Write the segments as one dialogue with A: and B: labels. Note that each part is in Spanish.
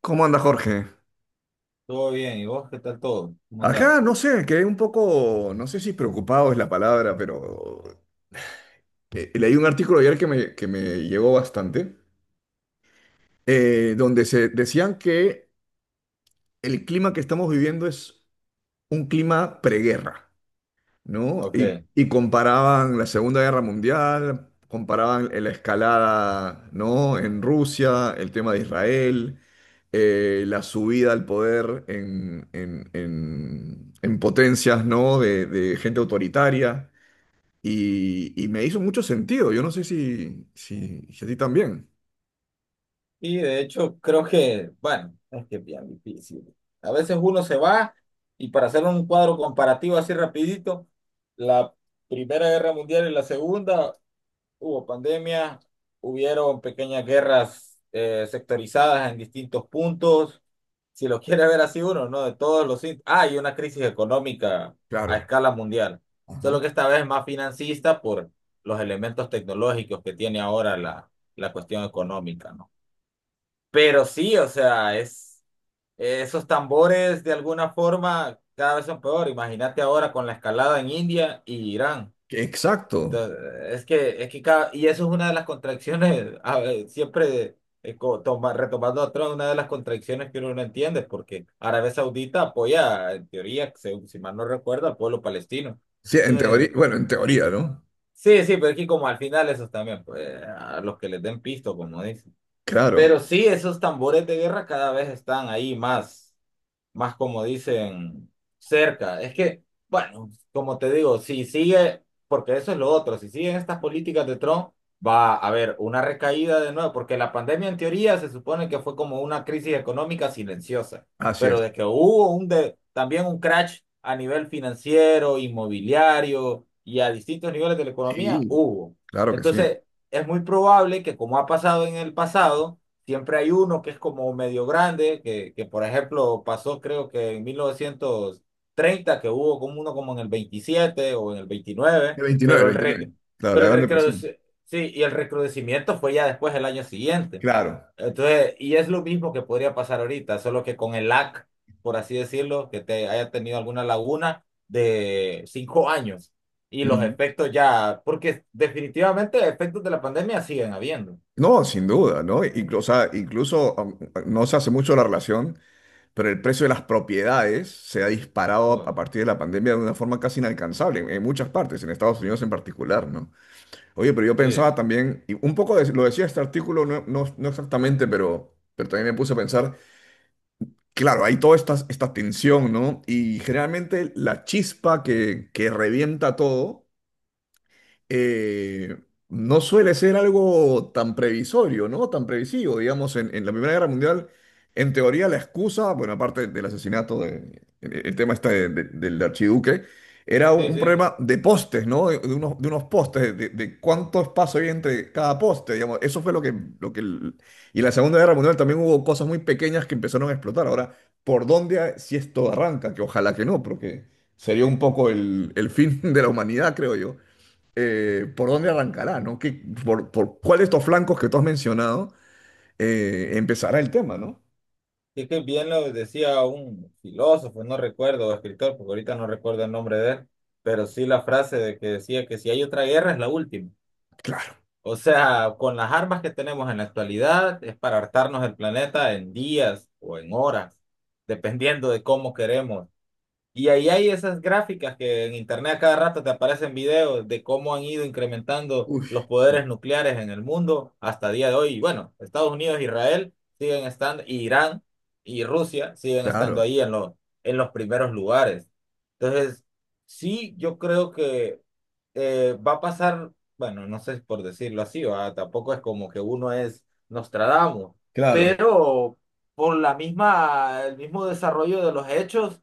A: ¿Cómo anda Jorge?
B: Todo bien, ¿y vos qué tal todo? ¿Cómo andás?
A: Acá no sé, quedé un poco, no sé si preocupado es la palabra, pero leí un artículo ayer que me llegó bastante, donde se decían que el clima que estamos viviendo es un clima preguerra, ¿no? Y,
B: Ok.
A: y comparaban la Segunda Guerra Mundial, comparaban la escalada, ¿no? En Rusia, el tema de Israel, la subida al poder en potencias, ¿no? De gente autoritaria. Y me hizo mucho sentido. Yo no sé si a ti también.
B: Y de hecho, creo que, bueno, es que es bien difícil. A veces uno se va y para hacer un cuadro comparativo así rapidito, la Primera Guerra Mundial y la Segunda. Hubo pandemia, hubieron pequeñas guerras sectorizadas en distintos puntos. Si lo quiere ver así uno, ¿no? De todos los, ah, y una crisis económica a
A: Claro.
B: escala mundial. Solo
A: Ajá.
B: que esta vez más financista por los elementos tecnológicos que tiene ahora la cuestión económica, ¿no? Pero sí, o sea, es, esos tambores de alguna forma cada vez son peor. Imagínate ahora con la escalada en India y Irán.
A: Exacto.
B: Entonces, es que y eso es una de las contracciones, a ver, siempre retomando a Trump, una de las contracciones que uno no entiende, porque Arabia Saudita apoya, en teoría, si mal no recuerdo, al pueblo palestino.
A: Sí, en
B: Entonces,
A: teoría, bueno, en teoría, ¿no?
B: sí, sí, pero es que como al final esos también, pues, a los que les den pisto, como dicen.
A: Claro,
B: Pero sí, esos tambores de guerra cada vez están ahí más más como dicen, cerca. Es que, bueno, como te digo, si sigue, porque eso es lo otro, si siguen estas políticas de Trump, va a haber una recaída de nuevo, porque la pandemia en teoría se supone que fue como una crisis económica silenciosa,
A: así
B: pero
A: es.
B: de que hubo también un crash a nivel financiero, inmobiliario y a distintos niveles de la economía,
A: Sí.
B: hubo.
A: Claro que sí.
B: Entonces, es muy probable que como ha pasado en el pasado, siempre hay uno que es como medio grande, que por ejemplo pasó creo que en 1930, que hubo como uno como en el 27 o en el 29,
A: El
B: pero el,
A: 29.
B: re-
A: Claro, la
B: pero el,
A: Gran Depresión.
B: recrudece- sí, y el recrudecimiento fue ya después el año siguiente.
A: Claro.
B: Entonces, y es lo mismo que podría pasar ahorita, solo que con el LAC, por así decirlo, que te haya tenido alguna laguna de 5 años y los
A: Ujú.
B: efectos ya, porque definitivamente efectos de la pandemia siguen habiendo.
A: No, sin duda, ¿no? O sea, incluso, no se hace mucho la relación, pero el precio de las propiedades se ha disparado a
B: Bueno,
A: partir de la pandemia de una forma casi inalcanzable en muchas partes, en Estados Unidos en particular, ¿no? Oye, pero yo
B: sí,
A: pensaba también, y un poco lo decía este artículo, no exactamente, pero también me puse a pensar, claro, hay toda esta tensión, ¿no? Y generalmente la chispa que revienta todo. eh, no suele ser algo tan previsorio, ¿no? Tan previsivo, digamos, en la Primera Guerra Mundial, en teoría la excusa, bueno, aparte del asesinato, el tema está del archiduque, era un,
B: sí,
A: un
B: sí.
A: problema de postes, ¿no? De unos postes, de cuánto espacio hay entre cada poste, digamos, eso fue lo que. Y en la Segunda Guerra Mundial también hubo cosas muy pequeñas que empezaron a explotar. Ahora, ¿por dónde, si esto arranca? Que ojalá que no, porque sería un poco el fin de la humanidad, creo yo. ¿Por dónde arrancará? ¿No? ¿Por cuál de estos flancos que tú has mencionado empezará el tema, ¿no?
B: Es que bien lo decía un filósofo, no recuerdo, escritor, porque ahorita no recuerdo el nombre de él, pero sí la frase de que decía que si hay otra guerra es la última.
A: Claro.
B: O sea, con las armas que tenemos en la actualidad es para hartarnos el planeta en días o en horas, dependiendo de cómo queremos. Y ahí hay esas gráficas que en internet a cada rato te aparecen videos de cómo han ido incrementando
A: Uy,
B: los
A: sí,
B: poderes nucleares en el mundo hasta día de hoy. Y bueno, Estados Unidos, Israel siguen estando, y Irán y Rusia siguen estando
A: claro,
B: ahí en los primeros lugares. Entonces, sí, yo creo que va a pasar, bueno, no sé si por decirlo así, ¿va? Tampoco es como que uno es Nostradamus,
A: claro,
B: pero por la misma, el mismo desarrollo de los hechos,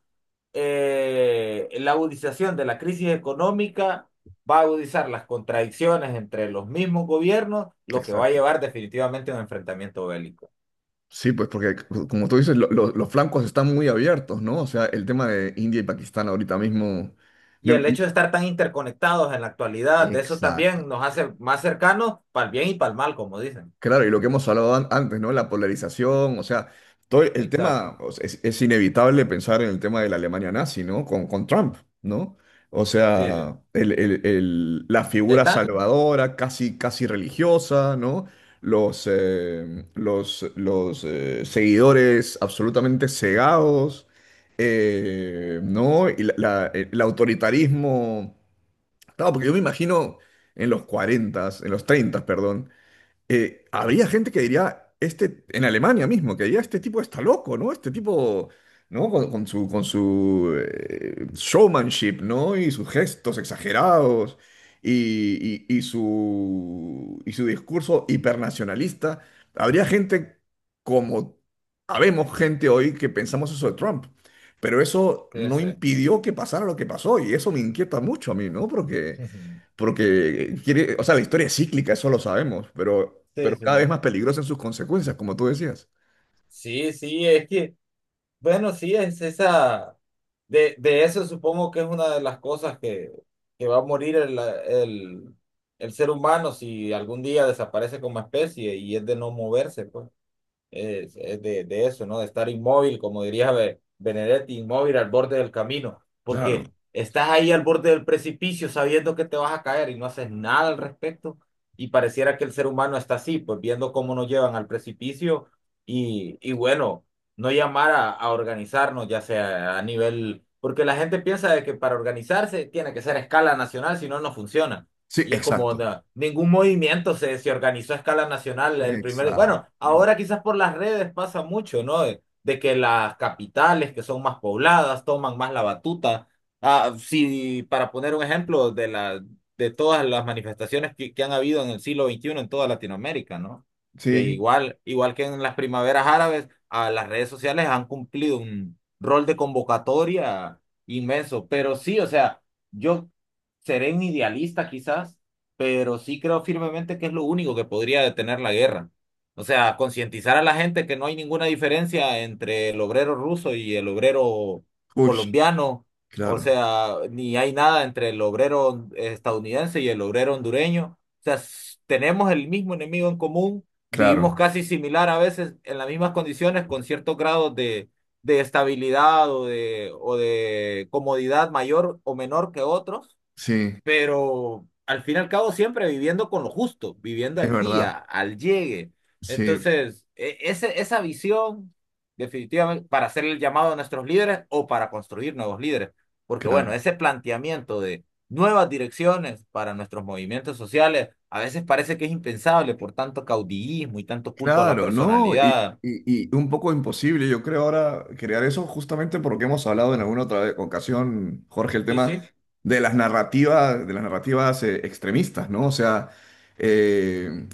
B: la agudización de la crisis económica va a agudizar las contradicciones entre los mismos gobiernos, lo que va a
A: exacto.
B: llevar definitivamente a un enfrentamiento bélico.
A: Sí, pues porque como tú dices, los flancos están muy abiertos, ¿no? O sea, el tema de India y Pakistán ahorita mismo.
B: Y
A: me-
B: el hecho de estar tan interconectados en la actualidad, de eso
A: Exacto.
B: también nos hace más cercanos para el bien y para el mal, como dicen.
A: Claro, y lo que hemos hablado antes, ¿no? La polarización, o sea, todo el
B: Exacto.
A: tema, o sea, es inevitable pensar en el tema de la Alemania nazi, ¿no? Con Trump, ¿no? O
B: Sí, sí.
A: sea, la
B: ¿Ya
A: figura
B: está?
A: salvadora, casi, casi religiosa, ¿no? Los seguidores absolutamente cegados, ¿no? Y el autoritarismo, claro, porque yo me imagino en los 40, en los 30, perdón, habría gente que diría, este, en Alemania mismo, que diría, este tipo está loco, ¿no? Este tipo, ¿no? Con su showmanship, ¿no? Y sus gestos exagerados y su discurso hipernacionalista. Habría gente como, Habemos gente hoy que pensamos eso de Trump. Pero eso
B: Sí,
A: no
B: sí.
A: impidió que pasara lo que pasó y eso me inquieta mucho a mí, ¿no? Porque... Porque quiere, o sea, la historia es cíclica, eso lo sabemos, pero,
B: Sí,
A: pero cada vez
B: sí.
A: más peligrosa en sus consecuencias, como tú decías.
B: Sí, sí, es que bueno, sí, es esa, de eso supongo que es una de las cosas que va a morir el ser humano si algún día desaparece como especie y es de no moverse, pues. Es de eso, ¿no? De estar inmóvil, como diría Benedetti, inmóvil al borde del camino,
A: Claro.
B: porque estás ahí al borde del precipicio sabiendo que te vas a caer y no haces nada al respecto. Y pareciera que el ser humano está así, pues viendo cómo nos llevan al precipicio y bueno, no llamar a organizarnos, ya sea a nivel, porque la gente piensa de que para organizarse tiene que ser a escala nacional, si no, no funciona.
A: Sí,
B: Y es como,
A: exacto.
B: no, ningún movimiento se organizó a escala nacional.
A: Exacto.
B: Bueno, ahora quizás por las redes pasa mucho, ¿no? De que las capitales que son más pobladas toman más la batuta. Ah, sí, para poner un ejemplo de todas las manifestaciones que han habido en el siglo XXI en toda Latinoamérica, ¿no? Que
A: Sí.
B: igual, igual que en las primaveras árabes, a las redes sociales han cumplido un rol de convocatoria inmenso. Pero sí, o sea, yo seré un idealista quizás, pero sí creo firmemente que es lo único que podría detener la guerra. O sea, concientizar a la gente que no hay ninguna diferencia entre el obrero ruso y el obrero
A: Uy,
B: colombiano. O
A: claro,
B: sea, ni hay nada entre el obrero estadounidense y el obrero hondureño. O sea, tenemos el mismo enemigo en común, vivimos
A: claro.
B: casi similar a veces en las mismas condiciones, con ciertos grados de estabilidad o de comodidad mayor o menor que otros,
A: Sí,
B: pero al fin y al cabo siempre viviendo con lo justo, viviendo
A: es
B: al
A: verdad.
B: día, al llegue.
A: Sí,
B: Entonces, esa visión, definitivamente, para hacer el llamado a nuestros líderes o para construir nuevos líderes, porque bueno,
A: claro.
B: ese planteamiento de nuevas direcciones para nuestros movimientos sociales, a veces parece que es impensable por tanto caudillismo y tanto culto a la
A: Claro, ¿no? Y,
B: personalidad.
A: y- y un poco imposible, yo creo, ahora crear eso justamente porque hemos hablado en alguna otra ocasión, Jorge, el
B: Y
A: tema
B: sí,
A: de las narrativas, extremistas, ¿no? O sea, eh,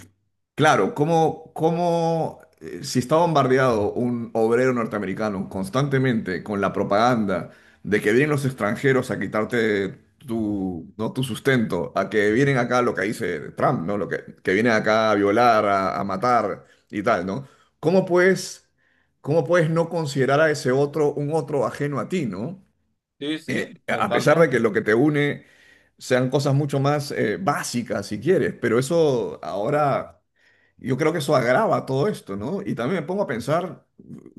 A: claro, ¿cómo, si está bombardeado un obrero norteamericano constantemente con la propaganda de que vienen los extranjeros a quitarte tu, ¿no? tu sustento, a que vienen acá lo que dice Trump, ¿no? Lo que vienen acá a violar, a matar y tal, ¿no? ¿Cómo puedes no considerar a ese otro un otro ajeno a ti, ¿no?
B: sí, sí,
A: A pesar de que
B: totalmente.
A: lo que te une sean cosas mucho más básicas, si quieres, pero eso ahora, yo creo que eso agrava todo esto, ¿no? Y también me pongo a pensar,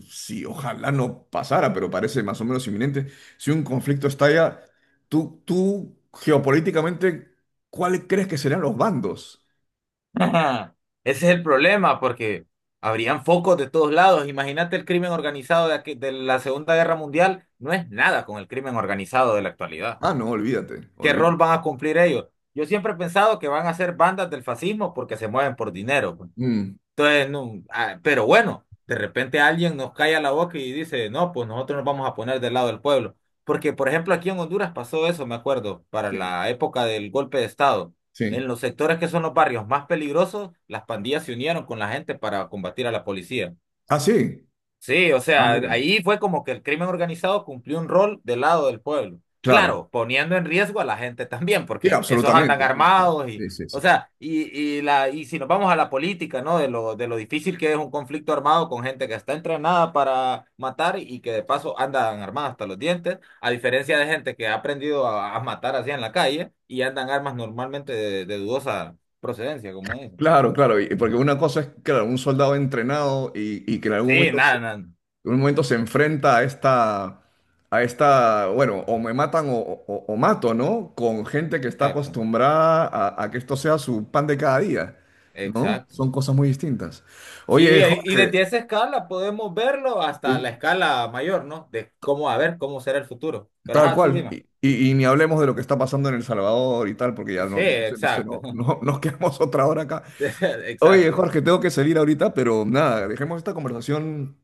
A: si ojalá no pasara, pero parece más o menos inminente, si un conflicto estalla, tú geopolíticamente, ¿cuál crees que serán los bandos?
B: Ajá. Ese es el problema, porque habrían focos de todos lados. Imagínate el crimen organizado de la Segunda Guerra Mundial, no es nada con el crimen organizado de la actualidad.
A: Ah, no, olvídate,
B: ¿Qué rol
A: olvídate.
B: van a cumplir ellos? Yo siempre he pensado que van a ser bandas del fascismo porque se mueven por dinero, pues.
A: Mm,
B: Entonces, no, ah, pero bueno, de repente alguien nos calla la boca y dice, no, pues nosotros nos vamos a poner del lado del pueblo. Porque, por ejemplo, aquí en Honduras pasó eso, me acuerdo, para
A: sí,
B: la época del golpe de Estado. En
A: sí.
B: los sectores que son los barrios más peligrosos, las pandillas se unieron con la gente para combatir a la policía.
A: Ah, sí.
B: Sí, o
A: Ah,
B: sea,
A: mira.
B: ahí fue como que el crimen organizado cumplió un rol del lado del pueblo.
A: Claro.
B: Claro, poniendo en riesgo a la gente también,
A: Sí,
B: porque esos andan
A: absolutamente. Sí, claro.
B: armados y,
A: Sí, sí,
B: o
A: sí, sí.
B: sea, y si nos vamos a la política, ¿no? De lo difícil que es un conflicto armado con gente que está entrenada para matar y que de paso andan armadas hasta los dientes, a diferencia de gente que ha aprendido a matar así en la calle y andan armas normalmente de dudosa procedencia, como dicen.
A: Claro, claro. Porque una cosa es, claro, un soldado entrenado y que en algún
B: Sí,
A: momento,
B: nada, nada,
A: en un momento se enfrenta a esta, bueno, o me matan o mato, ¿no? Con gente que está
B: exacto,
A: acostumbrada a que esto sea su pan de cada día, ¿no?
B: exacto.
A: Son cosas muy distintas.
B: Sí,
A: Oye,
B: y
A: Jorge,
B: desde esa escala podemos verlo hasta
A: sí,
B: la escala mayor, ¿no? De cómo, a ver, cómo será el futuro. Pero
A: tal
B: ajá, sí,
A: cual.
B: dime.
A: Y ni hablemos de lo que está pasando en El Salvador y tal, porque ya
B: Sí,
A: no,
B: exacto.
A: nos quedamos otra hora acá. Oye,
B: Exacto.
A: Jorge, tengo que salir ahorita, pero nada, dejemos esta conversación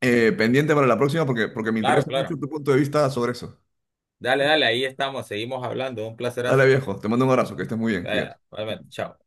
A: pendiente para la próxima porque, me
B: Claro,
A: interesa mucho
B: claro.
A: tu punto de vista sobre eso.
B: Dale, dale, ahí estamos, seguimos hablando. Un
A: Dale,
B: placerazo.
A: viejo, te mando un abrazo, que estés muy bien, cuídate.
B: Vaya, realmente, chao.